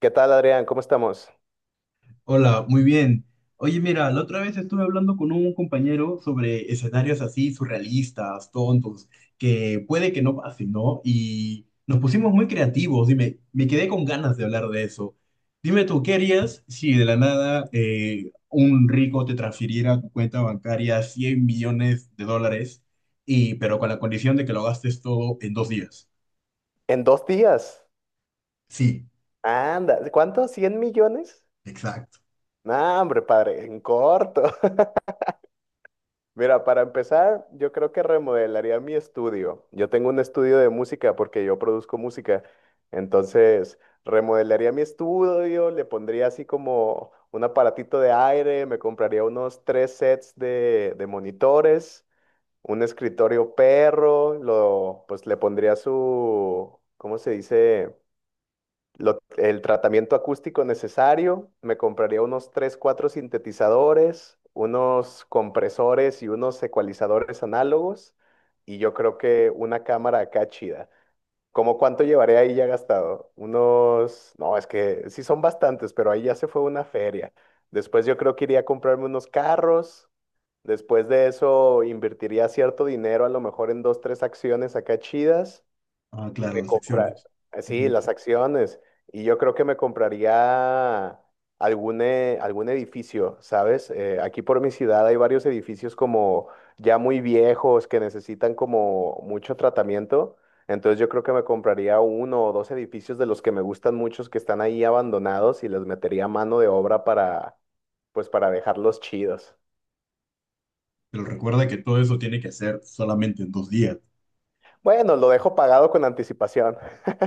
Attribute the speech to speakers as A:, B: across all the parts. A: ¿Qué tal, Adrián? ¿Cómo estamos?
B: Hola, muy bien. Oye, mira, la otra vez estuve hablando con un compañero sobre escenarios así surrealistas, tontos, que puede que no pasen, ¿no? Y nos pusimos muy creativos, dime, me quedé con ganas de hablar de eso. Dime tú, ¿qué harías si de la nada un rico te transfiriera a tu cuenta bancaria 100 millones de dólares, y, pero con la condición de que lo gastes todo en dos días?
A: En 2 días.
B: Sí,
A: Anda, ¿cuánto? ¿100 millones?
B: exacto.
A: No, hombre, padre, en corto. Mira, para empezar, yo creo que remodelaría mi estudio. Yo tengo un estudio de música porque yo produzco música. Entonces, remodelaría mi estudio, le pondría así como un aparatito de aire, me compraría unos tres sets de monitores, un escritorio perro, lo, pues le pondría su, ¿cómo se dice? El tratamiento acústico necesario, me compraría unos 3 4 sintetizadores, unos compresores y unos ecualizadores análogos, y yo creo que una cámara acá chida. ¿Cómo cuánto llevaré ahí ya gastado? Unos, no, es que sí son bastantes, pero ahí ya se fue una feria. Después yo creo que iría a comprarme unos carros. Después de eso invertiría cierto dinero, a lo mejor en dos, tres acciones acá chidas.
B: Ah, claro,
A: Me
B: las
A: compra,
B: acciones.
A: sí, las acciones. Y yo creo que me compraría algún edificio, ¿sabes? Aquí por mi ciudad hay varios edificios como ya muy viejos que necesitan como mucho tratamiento. Entonces yo creo que me compraría uno o dos edificios de los que me gustan muchos que están ahí abandonados y les metería mano de obra para, pues para dejarlos chidos.
B: Pero recuerda que todo eso tiene que hacer solamente en dos días.
A: Bueno, lo dejo pagado.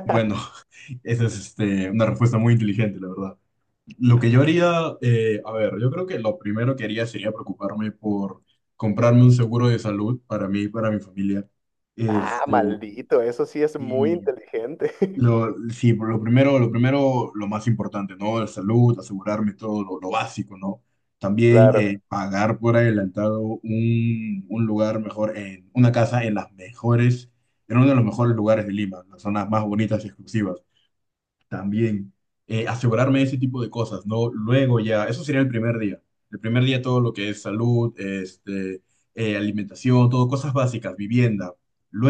B: Bueno, esa es este, una respuesta muy inteligente, la verdad. Lo que yo haría, a ver, yo creo que lo primero que haría sería preocuparme por comprarme un seguro de salud para mí y para mi familia. Este, y lo, sí, por lo primero, lo primero, lo más importante, ¿no? La salud, asegurarme todo lo básico, ¿no? También pagar por adelantado un lugar mejor, en, una casa en las mejores, en uno de los mejores lugares de Lima, las zonas más bonitas y exclusivas también asegurarme ese tipo de cosas, ¿no? Luego ya, eso sería el primer día. El primer día todo lo que es salud, este, alimentación, todo, cosas básicas, vivienda.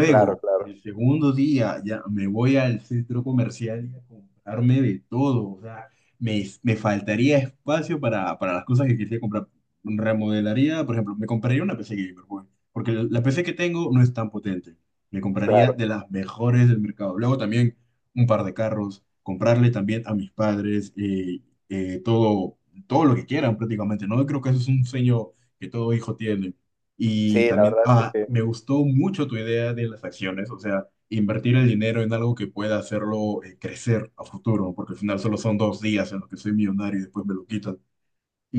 A: Claro, claro,
B: el segundo día ya me voy al centro comercial y a comprarme de todo, o sea, me faltaría espacio para las cosas que quisiera comprar. Remodelaría, por ejemplo, me compraría una PC gamer, güey, porque la PC que tengo no es tan potente. Me compraría de
A: claro.
B: las mejores del mercado. Luego también un par de carros, comprarle también a mis padres todo, todo lo que quieran prácticamente, ¿no? Creo que eso es un sueño que todo hijo tiene. Y
A: Sí, la
B: también,
A: verdad es que
B: ah,
A: sí.
B: me gustó mucho tu idea de las acciones, o sea, invertir el dinero en algo que pueda hacerlo crecer a futuro, porque al final solo son dos días en los que soy millonario y después me lo quitan.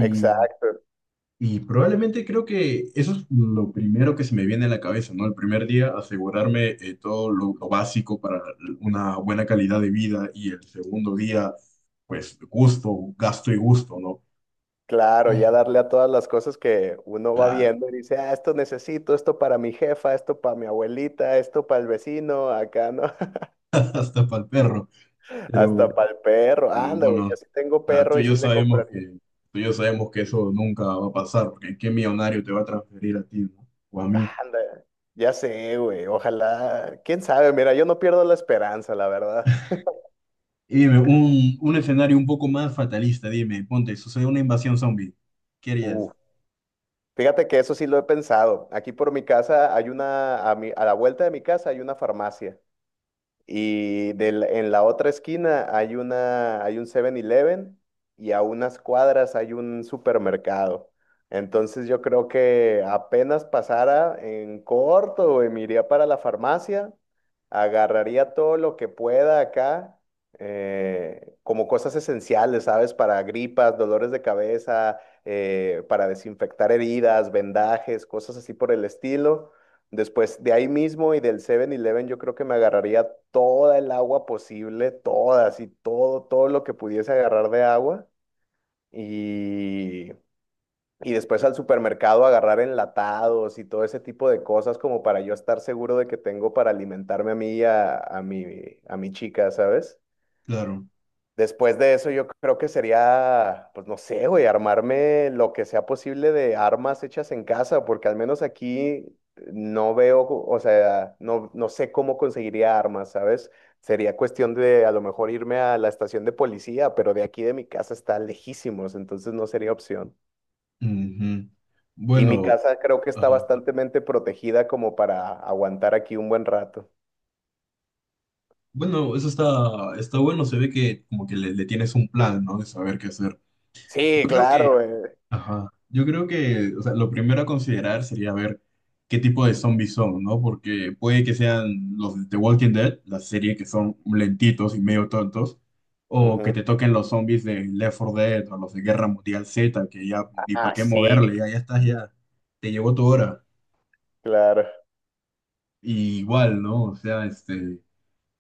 A: Exacto.
B: Y probablemente creo que eso es lo primero que se me viene a la cabeza, ¿no? El primer día, asegurarme todo lo básico para una buena calidad de vida y el segundo día, pues gusto, gasto y gusto, ¿no?
A: Claro, ya
B: Y
A: darle a todas las cosas que uno va
B: claro,
A: viendo y dice, ah, esto necesito, esto para mi jefa, esto para mi abuelita, esto para el vecino, acá, ¿no?
B: hasta para el perro, pero,
A: Hasta para el perro.
B: pero
A: Anda, güey, yo
B: bueno,
A: sí tengo
B: tú
A: perro y
B: y yo
A: sí le
B: sabemos
A: compraría.
B: que, tú y yo sabemos que eso nunca va a pasar, porque ¿qué millonario te va a transferir a ti, ¿no? O a mí.
A: Anda, ya sé, güey, ojalá. ¿Quién sabe? Mira, yo no pierdo la esperanza, la verdad.
B: Y dime, un escenario un poco más fatalista, dime, ponte, sucede una invasión zombie, ¿qué
A: Uh,
B: harías?
A: fíjate que eso sí lo he pensado. Aquí por mi casa hay una, a la vuelta de mi casa hay una farmacia. En la otra esquina hay una, hay un 7-Eleven y a unas cuadras hay un supermercado. Entonces yo creo que apenas pasara en corto, güey, me iría para la farmacia, agarraría todo lo que pueda acá, como cosas esenciales, ¿sabes? Para gripas, dolores de cabeza, para desinfectar heridas, vendajes, cosas así por el estilo. Después de ahí mismo y del 7-Eleven yo creo que me agarraría toda el agua posible, toda, así, todo, todo lo que pudiese agarrar de agua. Y, y después al supermercado agarrar enlatados y todo ese tipo de cosas como para yo estar seguro de que tengo para alimentarme a mí y a, a mi chica, ¿sabes?
B: Claro.
A: Después de eso, yo creo que sería, pues no sé, güey, armarme lo que sea posible de armas hechas en casa, porque al menos aquí no veo, o sea, no sé cómo conseguiría armas, ¿sabes? Sería cuestión de a lo mejor irme a la estación de policía, pero de aquí de mi casa está lejísimos, entonces no sería opción.
B: Ujú.
A: Y mi
B: Bueno,
A: casa creo que está
B: ajá.
A: bastantemente protegida como para aguantar aquí un buen rato.
B: Bueno, eso está, está bueno. Se ve que como que le tienes un plan, ¿no? De saber qué hacer. Yo
A: Sí,
B: creo
A: claro,
B: que,
A: güey.
B: ajá. Yo creo que, o sea, lo primero a considerar sería ver qué tipo de zombies son, ¿no? Porque puede que sean los de The Walking Dead, la serie que son lentitos y medio tontos, o que
A: Ujú.
B: te toquen los zombies de Left 4 Dead o los de Guerra Mundial Z, que ya ni para
A: Ah,
B: qué
A: sí,
B: moverle, ya, ya estás, ya te llegó tu hora.
A: claro,
B: Y igual, ¿no? O sea, este.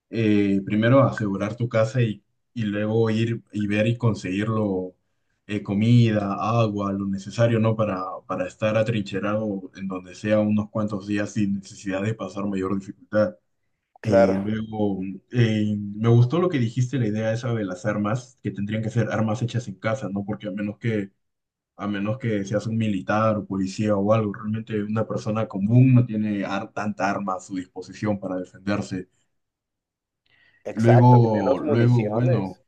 B: Primero asegurar tu casa y luego ir y ver y conseguirlo comida, agua, lo necesario, ¿no? Para estar atrincherado en donde sea unos cuantos días sin necesidad de pasar mayor dificultad.
A: claro.
B: Luego, me gustó lo que dijiste, la idea esa de las armas, que tendrían que ser armas hechas en casa, ¿no? Porque a menos que seas un militar o policía o algo, realmente una persona común no tiene tanta arma a su disposición para defenderse.
A: Exacto, y
B: Luego,
A: menos
B: luego, bueno,
A: municiones.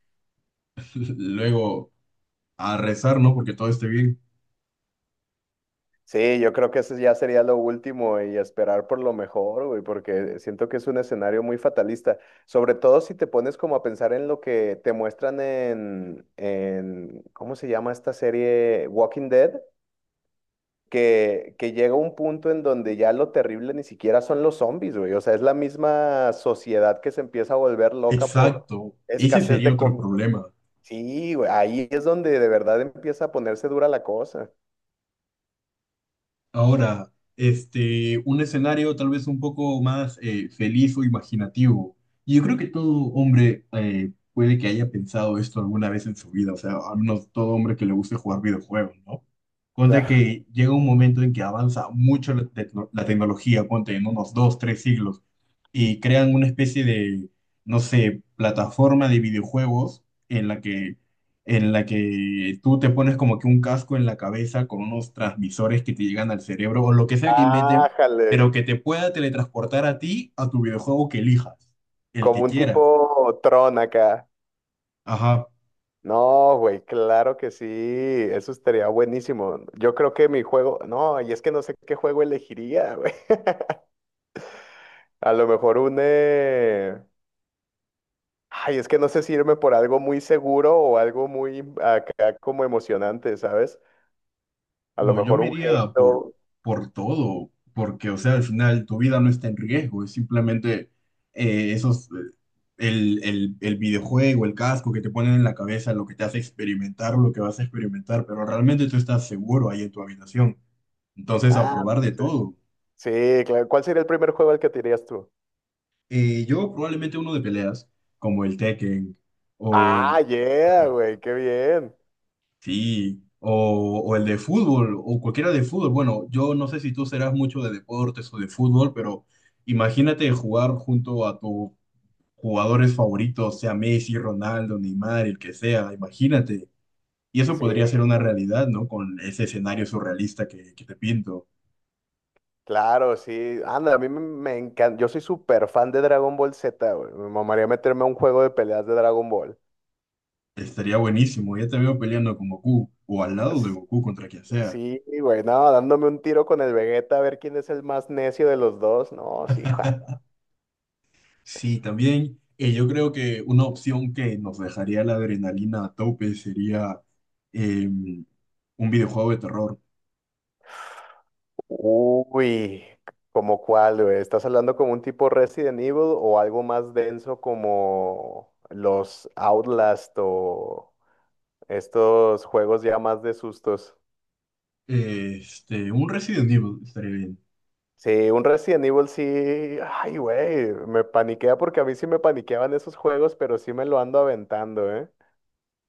B: luego a rezar, ¿no? Porque todo esté bien.
A: Sí, yo creo que eso ya sería lo último y esperar por lo mejor, güey, porque siento que es un escenario muy fatalista, sobre todo si te pones como a pensar en lo que te muestran en ¿cómo se llama esta serie? Walking Dead, que llega un punto en donde ya lo terrible ni siquiera son los zombies, güey, o sea, es la misma sociedad que se empieza a volver loca por
B: Exacto. Ese
A: escasez
B: sería
A: de
B: otro
A: comida.
B: problema.
A: Sí, güey, ahí es donde de verdad empieza a ponerse dura la cosa.
B: Ahora, este, un escenario tal vez un poco más feliz o imaginativo. Y yo creo que todo hombre puede que haya pensado esto alguna vez en su vida, o sea, al menos todo hombre que le guste jugar videojuegos, ¿no? Ponte
A: Claro.
B: que llega un momento en que avanza mucho la, la tecnología, ponte en unos dos, tres siglos, y crean una especie de, no sé, plataforma de videojuegos en la que en la que tú te pones como que un casco en la cabeza con unos transmisores que te llegan al cerebro o lo que sea que inventen,
A: Ájale,
B: pero que te pueda teletransportar a ti, a tu videojuego que elijas, el
A: como
B: que
A: un
B: quieras.
A: tipo Tron acá.
B: Ajá,
A: No, güey, claro que sí, eso estaría buenísimo. Yo creo que mi juego, no, y es que no sé qué juego elegiría, güey. A lo mejor ay, es que no sé si irme por algo muy seguro o algo muy acá como emocionante, ¿sabes? A lo
B: bueno, yo
A: mejor
B: me
A: un
B: iría
A: Halo.
B: por todo, porque, o sea, al final tu vida no está en riesgo, es simplemente eh, esos... eh, el, el videojuego, el casco que te ponen en la cabeza, lo que te hace experimentar, lo que vas a experimentar, pero realmente tú estás seguro ahí en tu habitación. Entonces, a
A: Ah,
B: probar de
A: sí.
B: todo.
A: Sí, claro. ¿Cuál sería el primer juego al que te irías tú?
B: Yo probablemente uno de peleas, como el Tekken, o el,
A: Ah, yeah,
B: ajá,
A: güey, qué bien.
B: sí, o el de fútbol, o cualquiera de fútbol. Bueno, yo no sé si tú serás mucho de deportes o de fútbol, pero imagínate jugar junto a tus jugadores favoritos, sea Messi, Ronaldo, Neymar, el que sea, imagínate. Y eso
A: Sí,
B: podría ser una
A: claro.
B: realidad, ¿no? Con ese escenario surrealista que te pinto.
A: Claro, sí. Anda, a mí me, encanta. Yo soy súper fan de Dragon Ball Z, güey. Me mamaría meterme a un juego de peleas de Dragon Ball.
B: Estaría buenísimo. Ya te veo peleando con Goku, o al lado de
A: S-
B: Goku contra quien sea.
A: Sí, güey, no, dándome un tiro con el Vegeta a ver quién es el más necio de los dos. No, sí, ja.
B: Sí, también yo creo que una opción que nos dejaría la adrenalina a tope sería un videojuego de terror.
A: Uy, ¿como cuál, güey? ¿Estás hablando como un tipo Resident Evil o algo más denso como los Outlast o estos juegos ya más de sustos?
B: Este, un Resident Evil estaría bien.
A: Sí, un Resident Evil sí, ay, güey, me paniquea porque a mí sí me paniqueaban esos juegos, pero sí me lo ando aventando, ¿eh?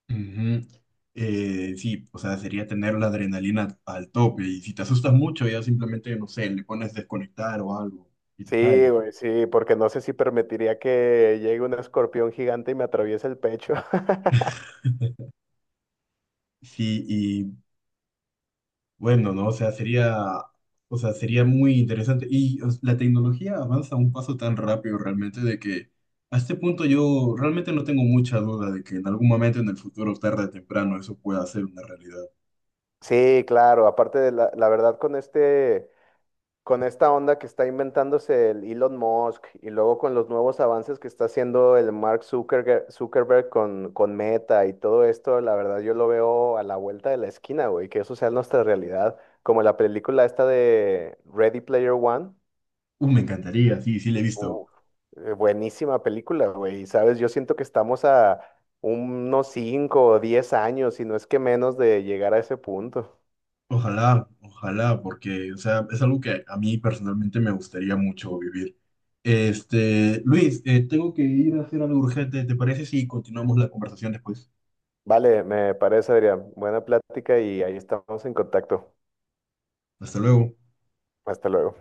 B: Ujú. Sí, o sea, sería tener la adrenalina al tope y si te asustas mucho ya simplemente, no sé, le pones desconectar o algo y te
A: Sí,
B: sale.
A: güey, sí, porque no sé si permitiría que llegue un escorpión gigante y me atraviese el pecho.
B: Sí, bueno, ¿no? O sea, sería muy interesante. Y o sea, la tecnología avanza a un paso tan rápido realmente de que a este punto yo realmente no tengo mucha duda de que en algún momento en el futuro, tarde o temprano, eso pueda ser una realidad.
A: Sí, claro, aparte la verdad con este, con esta onda que está inventándose el Elon Musk y luego con los nuevos avances que está haciendo el Mark Zuckerge- Zuckerberg, con Meta y todo esto, la verdad yo lo veo a la vuelta de la esquina, güey, que eso sea nuestra realidad, como la película esta de Ready Player One.
B: Me encantaría, sí, sí, le he visto.
A: Uf, buenísima película, güey, y sabes, yo siento que estamos a unos 5 o 10 años, si no es que menos de llegar a ese punto.
B: Ojalá, ojalá, porque, o sea, es algo que a mí personalmente me gustaría mucho vivir. Este, Luis, tengo que ir a hacer algo urgente. ¿Te parece si continuamos la conversación después?
A: Vale, me parece, Adrián, buena plática y ahí estamos en contacto.
B: Hasta luego.
A: Hasta luego.